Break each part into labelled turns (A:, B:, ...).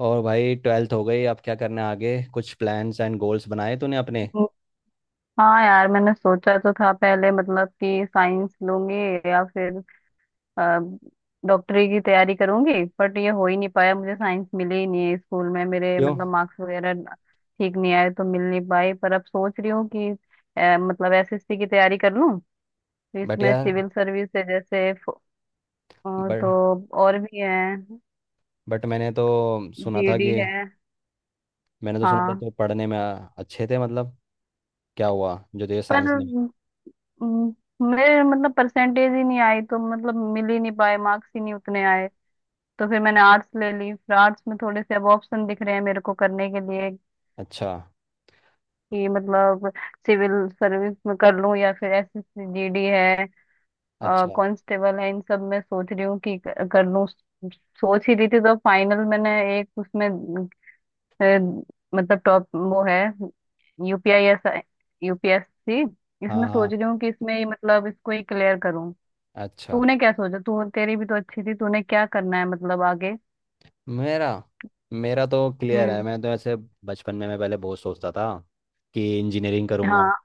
A: और भाई ट्वेल्थ हो गई। अब क्या करना है आगे? कुछ प्लान्स एंड गोल्स बनाए तूने अपने?
B: हाँ यार, मैंने सोचा तो था पहले मतलब कि साइंस लूंगी या फिर अ, डॉक्टरी की तैयारी करूंगी। बट ये हो ही नहीं पाया, मुझे साइंस मिली ही नहीं है स्कूल में मेरे।
A: क्यों?
B: मतलब मार्क्स वगैरह ठीक नहीं आए तो मिल नहीं पाई। पर अब सोच रही हूँ कि मतलब एसएससी की तैयारी कर लूँ। तो
A: बट
B: इसमें
A: यार,
B: सिविल सर्विस है जैसे अ,
A: बट
B: तो और भी है।
A: बट मैंने तो सुना था
B: जीडी
A: कि
B: है।
A: मैंने तो सुना था
B: हाँ
A: तो पढ़ने में अच्छे थे मतलब, क्या हुआ जो तुझे
B: पर
A: साइंस नहीं?
B: अम, मेरे मतलब परसेंटेज ही नहीं आई, तो मतलब मिल ही नहीं पाए, मार्क्स ही नहीं उतने आए। तो फिर मैंने आर्ट्स ले ली, फिर आर्ट्स में थोड़े से अब ऑप्शन दिख रहे हैं मेरे को करने के लिए
A: अच्छा।
B: कि मतलब सिविल सर्विस में कर लूं या फिर एसएसजीडी है,
A: अच्छा।
B: कांस्टेबल है, इन सब में सोच रही हूँ कि कर लूं। सोच ही रही थी तो फाइनल मैंने एक उसमें अ, मतलब टॉप वो है यूपीआई एस, यूपीएससी।
A: हाँ
B: इसमें सोच
A: हाँ।
B: रही हूँ कि इसमें ही मतलब इसको ही क्लियर करूँ।
A: अच्छा।
B: तूने क्या सोचा? तू, तेरी भी तो अच्छी थी, तूने क्या करना है मतलब आगे।
A: मेरा मेरा तो क्लियर है।
B: हम्म।
A: मैं तो ऐसे बचपन में, मैं पहले बहुत सोचता था कि इंजीनियरिंग करूँगा,
B: हाँ।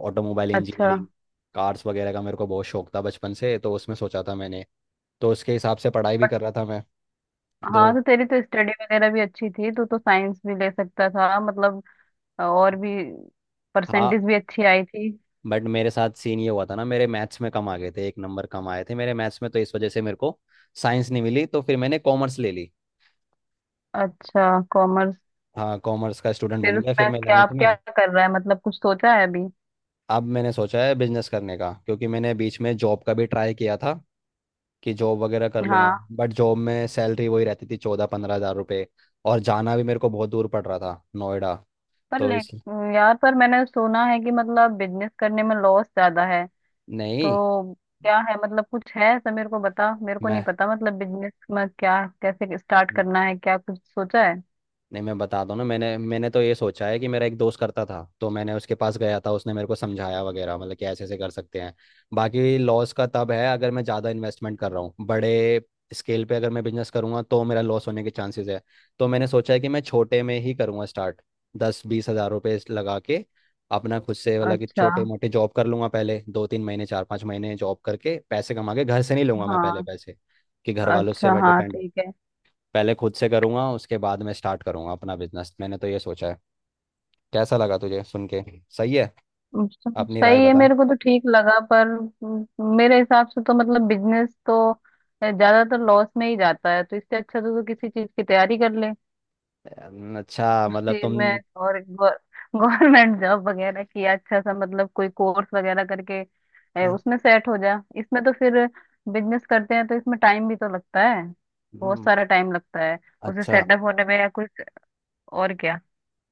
A: ऑटोमोबाइल
B: अच्छा।
A: इंजीनियरिंग। कार्स वगैरह का मेरे को बहुत शौक था बचपन से, तो उसमें सोचा था मैंने। तो उसके हिसाब से पढ़ाई भी कर रहा था मैं।
B: हाँ
A: तो
B: तो तेरी तो स्टडी वगैरह भी अच्छी थी, तू तो साइंस भी ले सकता था मतलब, और भी
A: हाँ,
B: परसेंटेज भी अच्छी आई थी।
A: बट मेरे साथ सीन ये हुआ था ना, मेरे मैथ्स में कम आ गए थे, एक नंबर कम आए थे मेरे मैथ्स में, तो इस वजह से मेरे को साइंस नहीं मिली, तो फिर मैंने कॉमर्स ले ली।
B: अच्छा, कॉमर्स।
A: हाँ, कॉमर्स का स्टूडेंट
B: फिर
A: बन गया फिर
B: उसमें
A: मैं
B: क्या
A: 11th
B: आप क्या
A: में।
B: कर रहा है, मतलब कुछ सोचा है अभी?
A: अब मैंने सोचा है बिजनेस करने का, क्योंकि मैंने बीच में जॉब का भी ट्राई किया था कि जॉब वगैरह कर लूंगा।
B: हाँ।
A: बट जॉब में सैलरी वही रहती थी, 14-15 हज़ार रुपये, और जाना भी मेरे को बहुत दूर पड़ रहा था, नोएडा।
B: पर
A: तो
B: ले,
A: इस
B: यार पर मैंने सुना है कि मतलब बिजनेस करने में लॉस ज्यादा है।
A: नहीं,
B: तो क्या है मतलब, कुछ है ऐसा? मेरे को बता, मेरे को नहीं
A: मैं
B: पता मतलब बिजनेस में क्या कैसे स्टार्ट करना है, क्या कुछ सोचा है?
A: नहीं, मैं बता दूं ना। मैंने मैंने तो ये सोचा है कि मेरा एक दोस्त करता था, तो मैंने उसके पास गया था, उसने मेरे को समझाया वगैरह, मतलब कि ऐसे ऐसे कर सकते हैं। बाकी लॉस का तब है अगर मैं ज़्यादा इन्वेस्टमेंट कर रहा हूँ, बड़े स्केल पे अगर मैं बिजनेस करूंगा तो मेरा लॉस होने के चांसेस है। तो मैंने सोचा है कि मैं छोटे में ही करूंगा स्टार्ट, 10-20 हज़ार रुपये लगा के, अपना खुद से। मतलब कि
B: अच्छा।
A: छोटे मोटे जॉब कर लूंगा पहले, दो तीन महीने, चार पाँच महीने जॉब करके, पैसे कमा के। घर से नहीं लूंगा मैं पहले
B: हाँ।
A: पैसे, कि घर वालों से
B: अच्छा,
A: मैं
B: हाँ
A: डिपेंड हो।
B: ठीक है।
A: पहले खुद से करूंगा, उसके बाद मैं स्टार्ट करूंगा अपना बिजनेस। मैंने तो ये सोचा है। कैसा लगा तुझे सुन के? सही है?
B: अच्छा,
A: अपनी राय
B: सही है,
A: बता।
B: मेरे को तो ठीक लगा पर मेरे हिसाब से तो मतलब बिजनेस तो ज्यादातर लॉस में ही जाता है, तो इससे अच्छा तो किसी चीज की तैयारी कर ले
A: अच्छा,
B: उस
A: मतलब
B: चीज
A: तुम।
B: में। और गवर्नमेंट जॉब वगैरह की अच्छा सा मतलब कोई कोर्स वगैरह करके उसमें सेट हो जा। इसमें तो फिर बिजनेस करते हैं तो इसमें टाइम भी तो लगता है, बहुत
A: हम्म,
B: सारा टाइम लगता है उसे
A: अच्छा।
B: सेटअप होने में या कुछ। और क्या।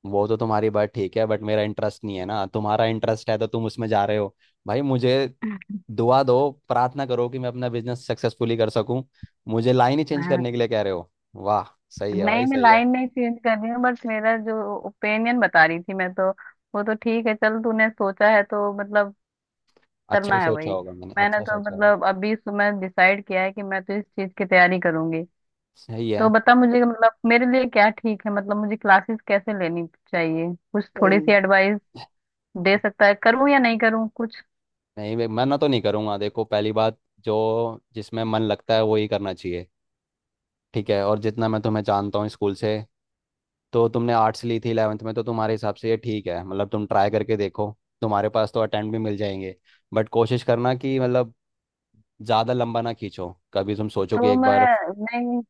A: वो तो तुम्हारी बात ठीक है बट मेरा इंटरेस्ट नहीं है ना। तुम्हारा इंटरेस्ट है तो तुम उसमें जा रहे हो। भाई मुझे दुआ दो, प्रार्थना करो कि मैं अपना बिजनेस सक्सेसफुली कर सकूं। मुझे लाइन ही चेंज करने के लिए कह रहे हो। वाह। सही है
B: नहीं,
A: भाई,
B: मैं
A: सही है।
B: लाइन नहीं चेंज कर रही हूँ, बट मेरा जो ओपिनियन बता रही थी मैं तो। वो तो ठीक है, चल तूने सोचा है तो मतलब
A: अच्छा
B: करना
A: ही
B: है
A: सोचा
B: वही।
A: होगा मैंने,
B: मैंने
A: अच्छा
B: तो
A: सोचा होगा।
B: मतलब अभी सुबह डिसाइड किया है कि मैं तो इस चीज की तैयारी करूंगी।
A: सही
B: तो
A: है।
B: बता मुझे कि मतलब मेरे लिए क्या ठीक है, मतलब मुझे क्लासेस कैसे लेनी चाहिए, कुछ थोड़ी सी
A: सही।
B: एडवाइस दे सकता है, करूँ या नहीं करूँ कुछ।
A: नहीं भाई, मना तो नहीं करूंगा। देखो, पहली बात, जो जिसमें मन लगता है वो ही करना चाहिए। ठीक है। और जितना मैं तुम्हें जानता हूँ स्कूल से, तो तुमने आर्ट्स ली थी इलेवेंथ में, तो तुम्हारे हिसाब से ये ठीक है, मतलब तुम ट्राई करके देखो। तुम्हारे पास तो अटेम्प्ट भी मिल जाएंगे। बट कोशिश करना कि मतलब ज़्यादा लंबा ना खींचो। कभी तुम सोचो कि
B: तो
A: एक
B: मैं
A: बार।
B: नहीं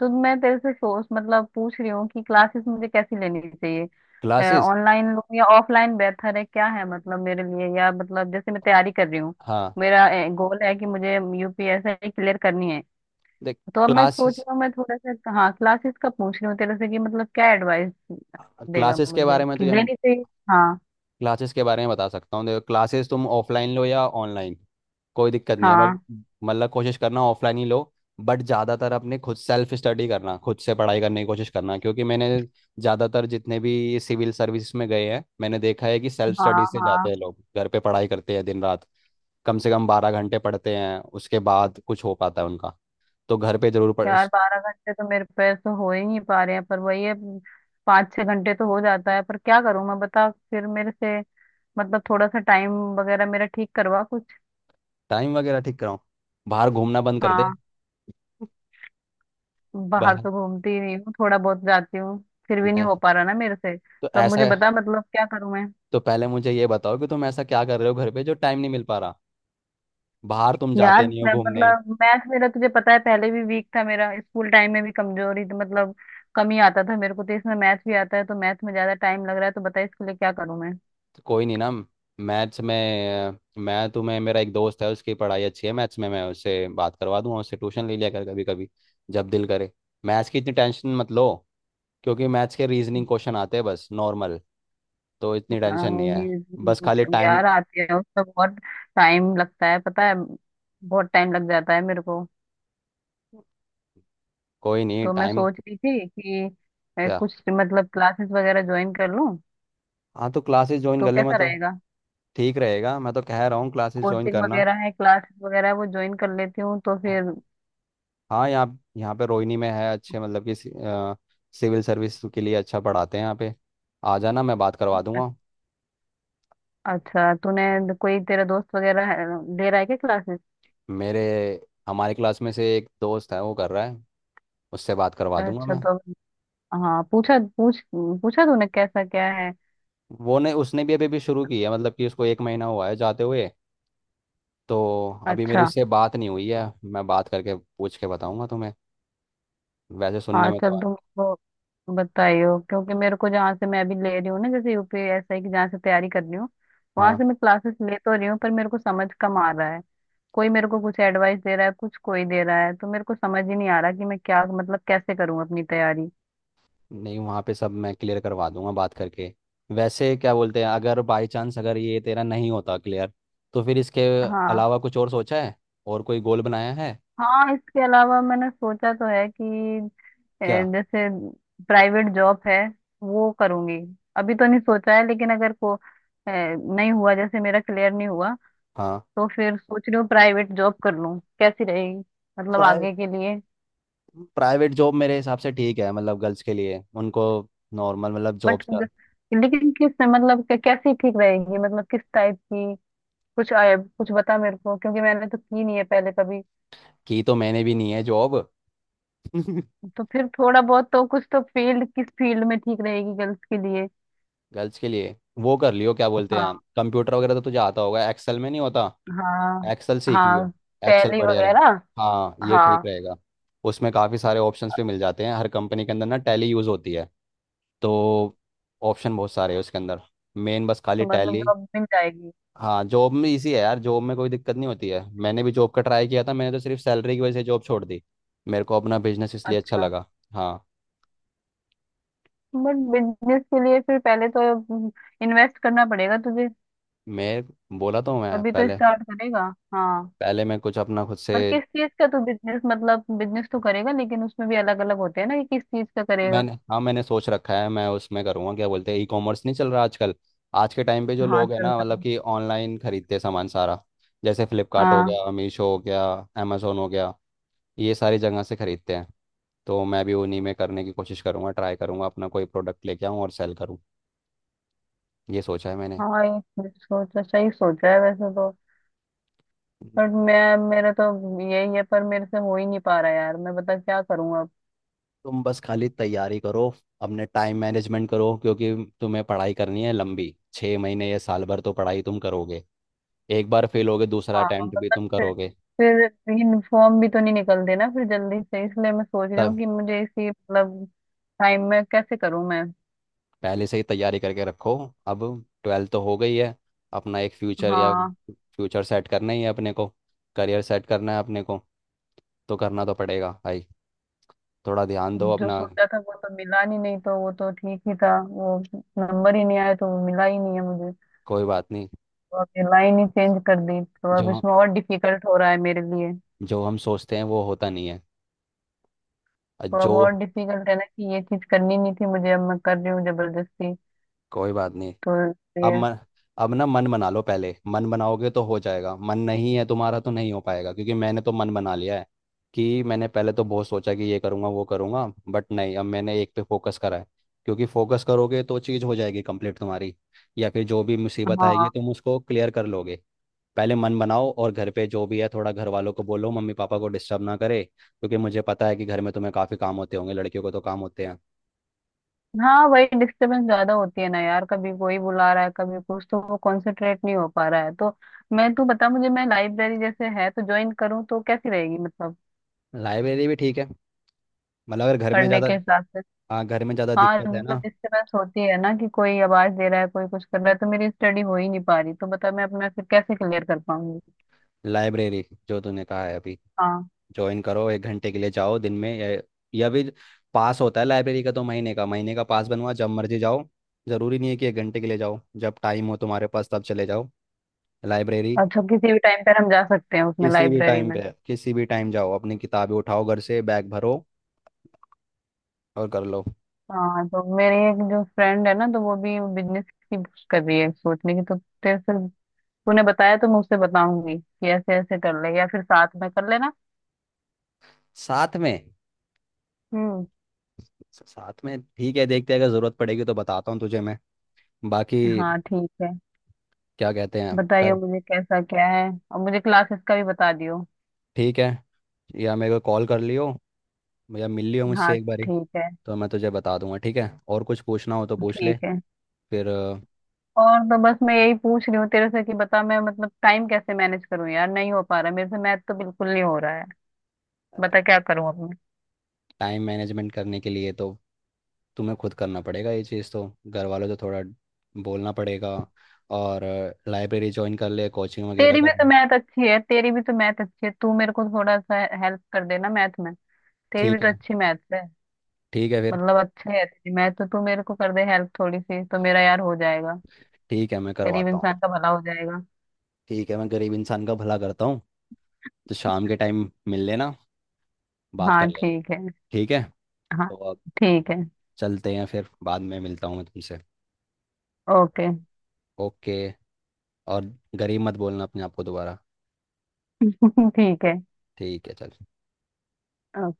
B: तो मैं तेरे से सोच मतलब पूछ रही हूँ कि क्लासेस मुझे कैसी लेनी चाहिए,
A: क्लासेस।
B: ऑनलाइन लूँ या ऑफलाइन बेहतर है, क्या है मतलब मेरे लिए, या मतलब जैसे मैं तैयारी कर रही हूँ।
A: हाँ,
B: मेरा गोल है कि मुझे यूपीएससी क्लियर करनी है।
A: देख।
B: तो अब मैं सोच
A: क्लासेस,
B: रही हूँ, मैं थोड़ा सा हाँ क्लासेस का पूछ रही हूँ तेरे से कि मतलब क्या एडवाइस देगा
A: क्लासेस के
B: मुझे
A: बारे में
B: कि
A: तुझे,
B: लेनी चाहिए। हाँ।
A: क्लासेस के बारे में बता सकता हूँ। देखो, क्लासेस तुम ऑफलाइन लो या ऑनलाइन, कोई दिक्कत नहीं है। बट
B: हाँ।
A: मतलब कोशिश करना ऑफलाइन ही लो। बट ज़्यादातर अपने खुद सेल्फ स्टडी करना, खुद से पढ़ाई करने की कोशिश करना, क्योंकि मैंने ज़्यादातर जितने भी सिविल सर्विस में गए हैं, मैंने देखा है कि सेल्फ
B: हाँ।
A: स्टडी से जाते
B: हाँ।
A: हैं लोग। घर पे पढ़ाई करते हैं दिन रात, कम से कम 12 घंटे पढ़ते हैं, उसके बाद कुछ हो पाता है उनका। तो घर पे जरूर पढ़।
B: यार 12 घंटे तो मेरे पैर तो हो ही नहीं पा रहे हैं, पर वही है, 5 6 घंटे तो हो जाता है। पर क्या करूं मैं, बता फिर मेरे से। मतलब थोड़ा सा टाइम वगैरह मेरा ठीक करवा कुछ।
A: टाइम वगैरह ठीक कराओ, बाहर घूमना बंद कर दे।
B: हाँ। बाहर
A: बाहर?
B: तो घूमती ही नहीं हूँ, थोड़ा बहुत जाती हूँ। फिर भी नहीं
A: नहीं,
B: हो पा रहा ना मेरे से,
A: तो
B: तो अब
A: ऐसा,
B: मुझे बता मतलब क्या करूं मैं।
A: तो पहले मुझे ये बताओ कि तुम ऐसा क्या कर रहे हो घर पे जो टाइम नहीं मिल पा रहा। बाहर तुम जाते
B: यार
A: नहीं हो
B: मैं
A: घूमने,
B: मतलब मैथ मेरा तुझे पता है पहले भी वीक था मेरा, स्कूल टाइम में भी कमजोरी थी मतलब, कम ही आता था मेरे को। तो इसमें मैथ भी आता है, तो मैथ में ज्यादा टाइम लग रहा है, तो बता इसके लिए क्या करूं मैं।
A: तो कोई नहीं ना। मैथ्स में मैं तुम्हें, मेरा एक दोस्त है उसकी पढ़ाई अच्छी है मैथ्स में, मैं उससे बात करवा दूंगा। उससे ट्यूशन ले लिया कर कभी कभी, जब दिल करे। मैथ्स की इतनी टेंशन मत लो, क्योंकि मैथ्स के रीजनिंग क्वेश्चन आते हैं बस, नॉर्मल। तो इतनी टेंशन
B: हाँ,
A: नहीं है। बस खाली टाइम।
B: यार आती है, उसका बहुत टाइम लगता है, पता है। बहुत टाइम लग जाता है मेरे को।
A: कोई नहीं,
B: तो मैं
A: टाइम।
B: सोच रही थी कि मैं
A: क्या?
B: कुछ मतलब क्लासेस वगैरह ज्वाइन कर लूँ
A: हाँ, तो क्लासेस ज्वाइन
B: तो
A: कर ले। मैं
B: कैसा
A: तो।
B: रहेगा।
A: ठीक रहेगा, मैं तो कह रहा हूँ क्लासेस ज्वाइन
B: कोचिंग
A: करना।
B: वगैरह है, क्लासेस वगैरह है, वो ज्वाइन कर लेती हूँ तो फिर।
A: हाँ, यहाँ, यहाँ पे रोहिणी में है अच्छे, मतलब कि सिविल सर्विस के लिए अच्छा पढ़ाते हैं यहाँ पे। आ जाना, मैं बात करवा दूंगा।
B: अच्छा, तूने कोई तेरा दोस्त ले रहा है क्या क्लासेस?
A: मेरे हमारे क्लास में से एक दोस्त है वो कर रहा है, उससे बात करवा दूंगा
B: अच्छा
A: मैं।
B: तो हाँ, पूछा तूने कैसा क्या है?
A: वो ने उसने भी अभी भी शुरू की है, मतलब कि उसको एक महीना हुआ है जाते हुए, तो अभी मेरी
B: अच्छा।
A: उससे बात नहीं हुई है। मैं बात करके पूछ के बताऊंगा तुम्हें। वैसे सुनने
B: हाँ
A: में तो
B: चल,
A: है
B: तुम तो बताइयो, क्योंकि मेरे को जहाँ से मैं अभी ले रही हूँ ना, जैसे यूपीएसआई की जहाँ से तैयारी कर रही हूँ, वहां
A: हाँ।
B: से मैं क्लासेस ले तो रही हूँ, पर मेरे को समझ कम आ रहा है। कोई मेरे को कुछ एडवाइस दे रहा है, कुछ कोई दे रहा है, तो मेरे को समझ ही नहीं आ रहा कि मैं क्या मतलब कैसे करूँ अपनी तैयारी।
A: नहीं, वहाँ पे सब मैं क्लियर करवा दूंगा बात करके। वैसे क्या बोलते हैं, अगर बाई चांस अगर ये तेरा नहीं होता क्लियर, तो फिर इसके
B: हाँ।
A: अलावा कुछ और सोचा है? और कोई गोल बनाया है?
B: हाँ इसके अलावा मैंने सोचा तो है कि अ,
A: क्या?
B: जैसे प्राइवेट जॉब है, वो करूंगी। अभी तो नहीं सोचा है, लेकिन अगर को नहीं हुआ, जैसे मेरा क्लियर नहीं हुआ,
A: हाँ।
B: तो फिर सोच रही हूँ प्राइवेट जॉब कर लूँ, कैसी रहेगी मतलब
A: प्राइ
B: आगे के लिए।
A: प्राइवेट जॉब मेरे हिसाब से ठीक है, मतलब गर्ल्स के लिए उनको नॉर्मल मतलब जॉब।
B: बट लेकिन किस में मतलब कैसी ठीक रहेगी मतलब, किस टाइप की कुछ आया, कुछ बता मेरे को, क्योंकि मैंने तो की नहीं है पहले कभी।
A: की तो मैंने भी नहीं है जॉब।
B: तो फिर थोड़ा बहुत तो कुछ, तो फील्ड, किस फील्ड में ठीक रहेगी गर्ल्स के लिए।
A: गर्ल्स के लिए वो कर लियो, क्या बोलते हैं,
B: हाँ।
A: कंप्यूटर वगैरह तो तुझे आता होगा, एक्सेल में नहीं होता?
B: हाँ।
A: एक्सेल सीख लियो।
B: हाँ,
A: एक्सेल
B: टैली
A: बढ़िया रहे।
B: वगैरह।
A: हाँ ये ठीक
B: हाँ,
A: रहेगा। उसमें काफ़ी सारे ऑप्शंस भी मिल जाते हैं, हर कंपनी के अंदर ना टैली यूज़ होती है, तो ऑप्शन बहुत सारे हैं उसके अंदर। मेन बस खाली
B: तो मतलब
A: टैली।
B: जॉब मिल जाएगी।
A: हाँ, जॉब में इजी है यार। जॉब में कोई दिक्कत नहीं होती है। मैंने भी जॉब का ट्राई किया था, मैंने तो सिर्फ सैलरी की वजह से जॉब छोड़ दी। मेरे को अपना बिजनेस इसलिए अच्छा
B: अच्छा।
A: लगा। हाँ।
B: बट बिजनेस के लिए फिर पहले तो इन्वेस्ट करना पड़ेगा तुझे,
A: मैं बोला तो हूँ मैं
B: तभी तो
A: पहले।
B: स्टार्ट करेगा। हाँ।
A: पहले मैं कुछ अपना खुद से।
B: और किस चीज का तू बिजनेस, मतलब बिजनेस तो करेगा, लेकिन उसमें भी अलग अलग होते हैं ना, कि किस चीज का करेगा।
A: मैंने हाँ, मैंने सोच रखा है मैं उसमें करूँगा, क्या बोलते हैं, ई कॉमर्स नहीं चल रहा आजकल? आज के टाइम पे जो
B: हाँ
A: लोग हैं
B: चल
A: ना,
B: रहा
A: मतलब
B: है।
A: कि ऑनलाइन खरीदते हैं सामान सारा, जैसे फ्लिपकार्ट हो
B: हाँ।
A: गया, मीशो हो गया, अमेजोन हो गया, ये सारी जगह से खरीदते हैं। तो मैं भी उन्हीं में करने की कोशिश करूँगा, ट्राई करूँगा अपना कोई प्रोडक्ट लेके आऊँ और सेल करूँ। ये सोचा है मैंने।
B: हाँ ये ये सोचा, सही सोचा है वैसे तो। बट
A: हम्म।
B: मैं, मेरा तो यही है पर मेरे से हो ही नहीं पा रहा यार, मैं बता क्या करूँ अब।
A: तुम बस खाली तैयारी करो, अपने टाइम मैनेजमेंट करो, क्योंकि तुम्हें पढ़ाई करनी है लंबी, छः महीने या साल भर तो पढ़ाई तुम करोगे, एक बार फेल होगे दूसरा
B: हाँ
A: अटेम्प्ट भी
B: मतलब,
A: तुम करोगे,
B: फिर यूनिफॉर्म भी तो नहीं निकलते ना फिर जल्दी से, इसलिए मैं सोच रही हूँ
A: तब।
B: कि मुझे इसी मतलब टाइम में कैसे करूँ मैं।
A: पहले से ही तैयारी करके रखो। अब ट्वेल्थ तो हो गई है, अपना एक फ्यूचर या
B: हाँ
A: फ्यूचर सेट करना ही है अपने को, करियर सेट करना है अपने को, तो करना तो पड़ेगा भाई। थोड़ा ध्यान दो
B: जो
A: अपना।
B: सोचा था वो तो मिला नहीं, नहीं तो वो तो ठीक ही था वो। नंबर ही नहीं आया तो वो मिला ही नहीं है मुझे।
A: कोई बात नहीं।
B: तो अब ये लाइन ही चेंज कर दी, तो
A: जो
B: अब
A: हम
B: इसमें और डिफिकल्ट हो रहा है मेरे लिए।
A: जो हम सोचते हैं वो होता नहीं है। और
B: तो अब
A: जो,
B: और डिफिकल्ट है ना, कि ये चीज करनी नहीं थी मुझे, अब मैं कर रही हूँ जबरदस्ती।
A: कोई बात नहीं।
B: तो
A: अब
B: ये।
A: मन, अब ना मन बना लो। पहले मन बनाओगे तो हो जाएगा, मन नहीं है तुम्हारा तो नहीं हो पाएगा। क्योंकि मैंने तो मन बना लिया है कि मैंने पहले तो बहुत सोचा कि ये करूँगा वो करूँगा, बट नहीं, अब मैंने एक पे फोकस करा है। क्योंकि फोकस करोगे तो चीज़ हो जाएगी कंप्लीट तुम्हारी, या फिर जो भी मुसीबत
B: हाँ।
A: आएगी तुम उसको क्लियर कर लोगे। पहले मन बनाओ, और घर पे जो भी है थोड़ा घर वालों को बोलो मम्मी पापा को डिस्टर्ब ना करे, क्योंकि मुझे पता है कि घर में तुम्हें काफ़ी काम होते होंगे, लड़कियों को तो काम होते हैं।
B: हाँ वही डिस्टरबेंस ज्यादा होती है ना यार, कभी कोई बुला रहा है कभी कुछ, तो वो कंसंट्रेट नहीं हो पा रहा है। तो मैं, तू बता मुझे, मैं लाइब्रेरी जैसे है तो ज्वाइन करूँ तो कैसी रहेगी, मतलब
A: लाइब्रेरी भी ठीक है, मतलब अगर घर में
B: पढ़ने
A: ज़्यादा।
B: के हिसाब से।
A: हाँ, घर में ज़्यादा
B: हाँ
A: दिक्कत है
B: मतलब
A: ना।
B: डिस्टर्बेंस होती है ना, कि कोई आवाज दे रहा है, कोई कुछ कर रहा है, तो मेरी स्टडी हो ही नहीं पा रही, तो बता मैं अपना फिर कैसे क्लियर कर पाऊंगी।
A: लाइब्रेरी जो तूने कहा है अभी,
B: हाँ।
A: ज्वाइन करो। एक घंटे के लिए जाओ दिन में, या भी पास होता है लाइब्रेरी का, तो महीने का, महीने का पास बनवा, जब मर्जी जाओ। जरूरी नहीं है कि एक घंटे के लिए जाओ, जब टाइम हो तुम्हारे पास तब चले जाओ लाइब्रेरी।
B: अच्छा, किसी भी टाइम पर हम जा सकते हैं उसमें,
A: किसी भी
B: लाइब्रेरी
A: टाइम
B: में।
A: पे, किसी भी टाइम जाओ, अपनी किताबें उठाओ, घर से बैग भरो और कर लो।
B: हाँ, तो मेरी एक जो फ्रेंड है ना, तो वो भी बिजनेस की बुक्स कर रही है सोचने की, तो तेरे से, तूने बताया तो मैं उससे बताऊंगी कि ऐसे ऐसे कर ले, या फिर साथ में कर लेना।
A: साथ में।
B: हम्म।
A: साथ में ठीक है, देखते हैं, अगर जरूरत पड़ेगी तो बताता हूँ तुझे मैं। बाकी
B: हाँ ठीक है।
A: क्या कहते हैं
B: बताइए
A: कर।
B: मुझे कैसा क्या है, और मुझे क्लासेस का भी बता दियो।
A: ठीक है, या मेरे को कॉल कर लियो, भैया मिल लियो
B: हाँ
A: मुझसे एक बारी,
B: ठीक है।
A: तो मैं तुझे बता दूंगा। ठीक है, और कुछ पूछना हो तो पूछ ले।
B: ठीक है।
A: फिर।
B: और तो बस मैं यही पूछ रही हूँ तेरे से कि बता, मैं मतलब टाइम कैसे मैनेज करूँ यार, नहीं हो पा रहा मेरे से, मैथ तो बिल्कुल नहीं हो रहा है, बता क्या करूँ अब मैं।
A: टाइम मैनेजमेंट करने के लिए तो तुम्हें खुद करना पड़ेगा ये चीज़, तो घर वालों से थोड़ा बोलना पड़ेगा, और लाइब्रेरी ज्वाइन कर ले, कोचिंग वगैरह
B: तेरी भी
A: कर
B: तो
A: लो।
B: मैथ अच्छी है, तेरी भी तो मैथ अच्छी है, तू मेरे को थोड़ा सा हेल्प कर देना मैथ में, तेरी भी
A: ठीक
B: तो
A: है।
B: अच्छी मैथ है।
A: ठीक है फिर।
B: मतलब अच्छे है तेरी मैथ, तो तू मेरे को कर दे हेल्प थोड़ी सी, तो मेरा यार हो जाएगा,
A: ठीक है, मैं
B: गरीब
A: करवाता हूँ।
B: इंसान का भला हो जाएगा।
A: ठीक है, मैं गरीब इंसान का भला करता हूँ। तो शाम के टाइम मिल लेना, बात
B: हाँ
A: कर लेंगे।
B: ठीक है।
A: ठीक है।
B: हाँ।
A: तो अब
B: ठीक है।
A: चलते हैं फिर, बाद में मिलता हूँ मैं तुमसे।
B: ओके।
A: ओके। और गरीब मत बोलना अपने आप को दोबारा।
B: ठीक है।
A: ठीक है चल।
B: ओके।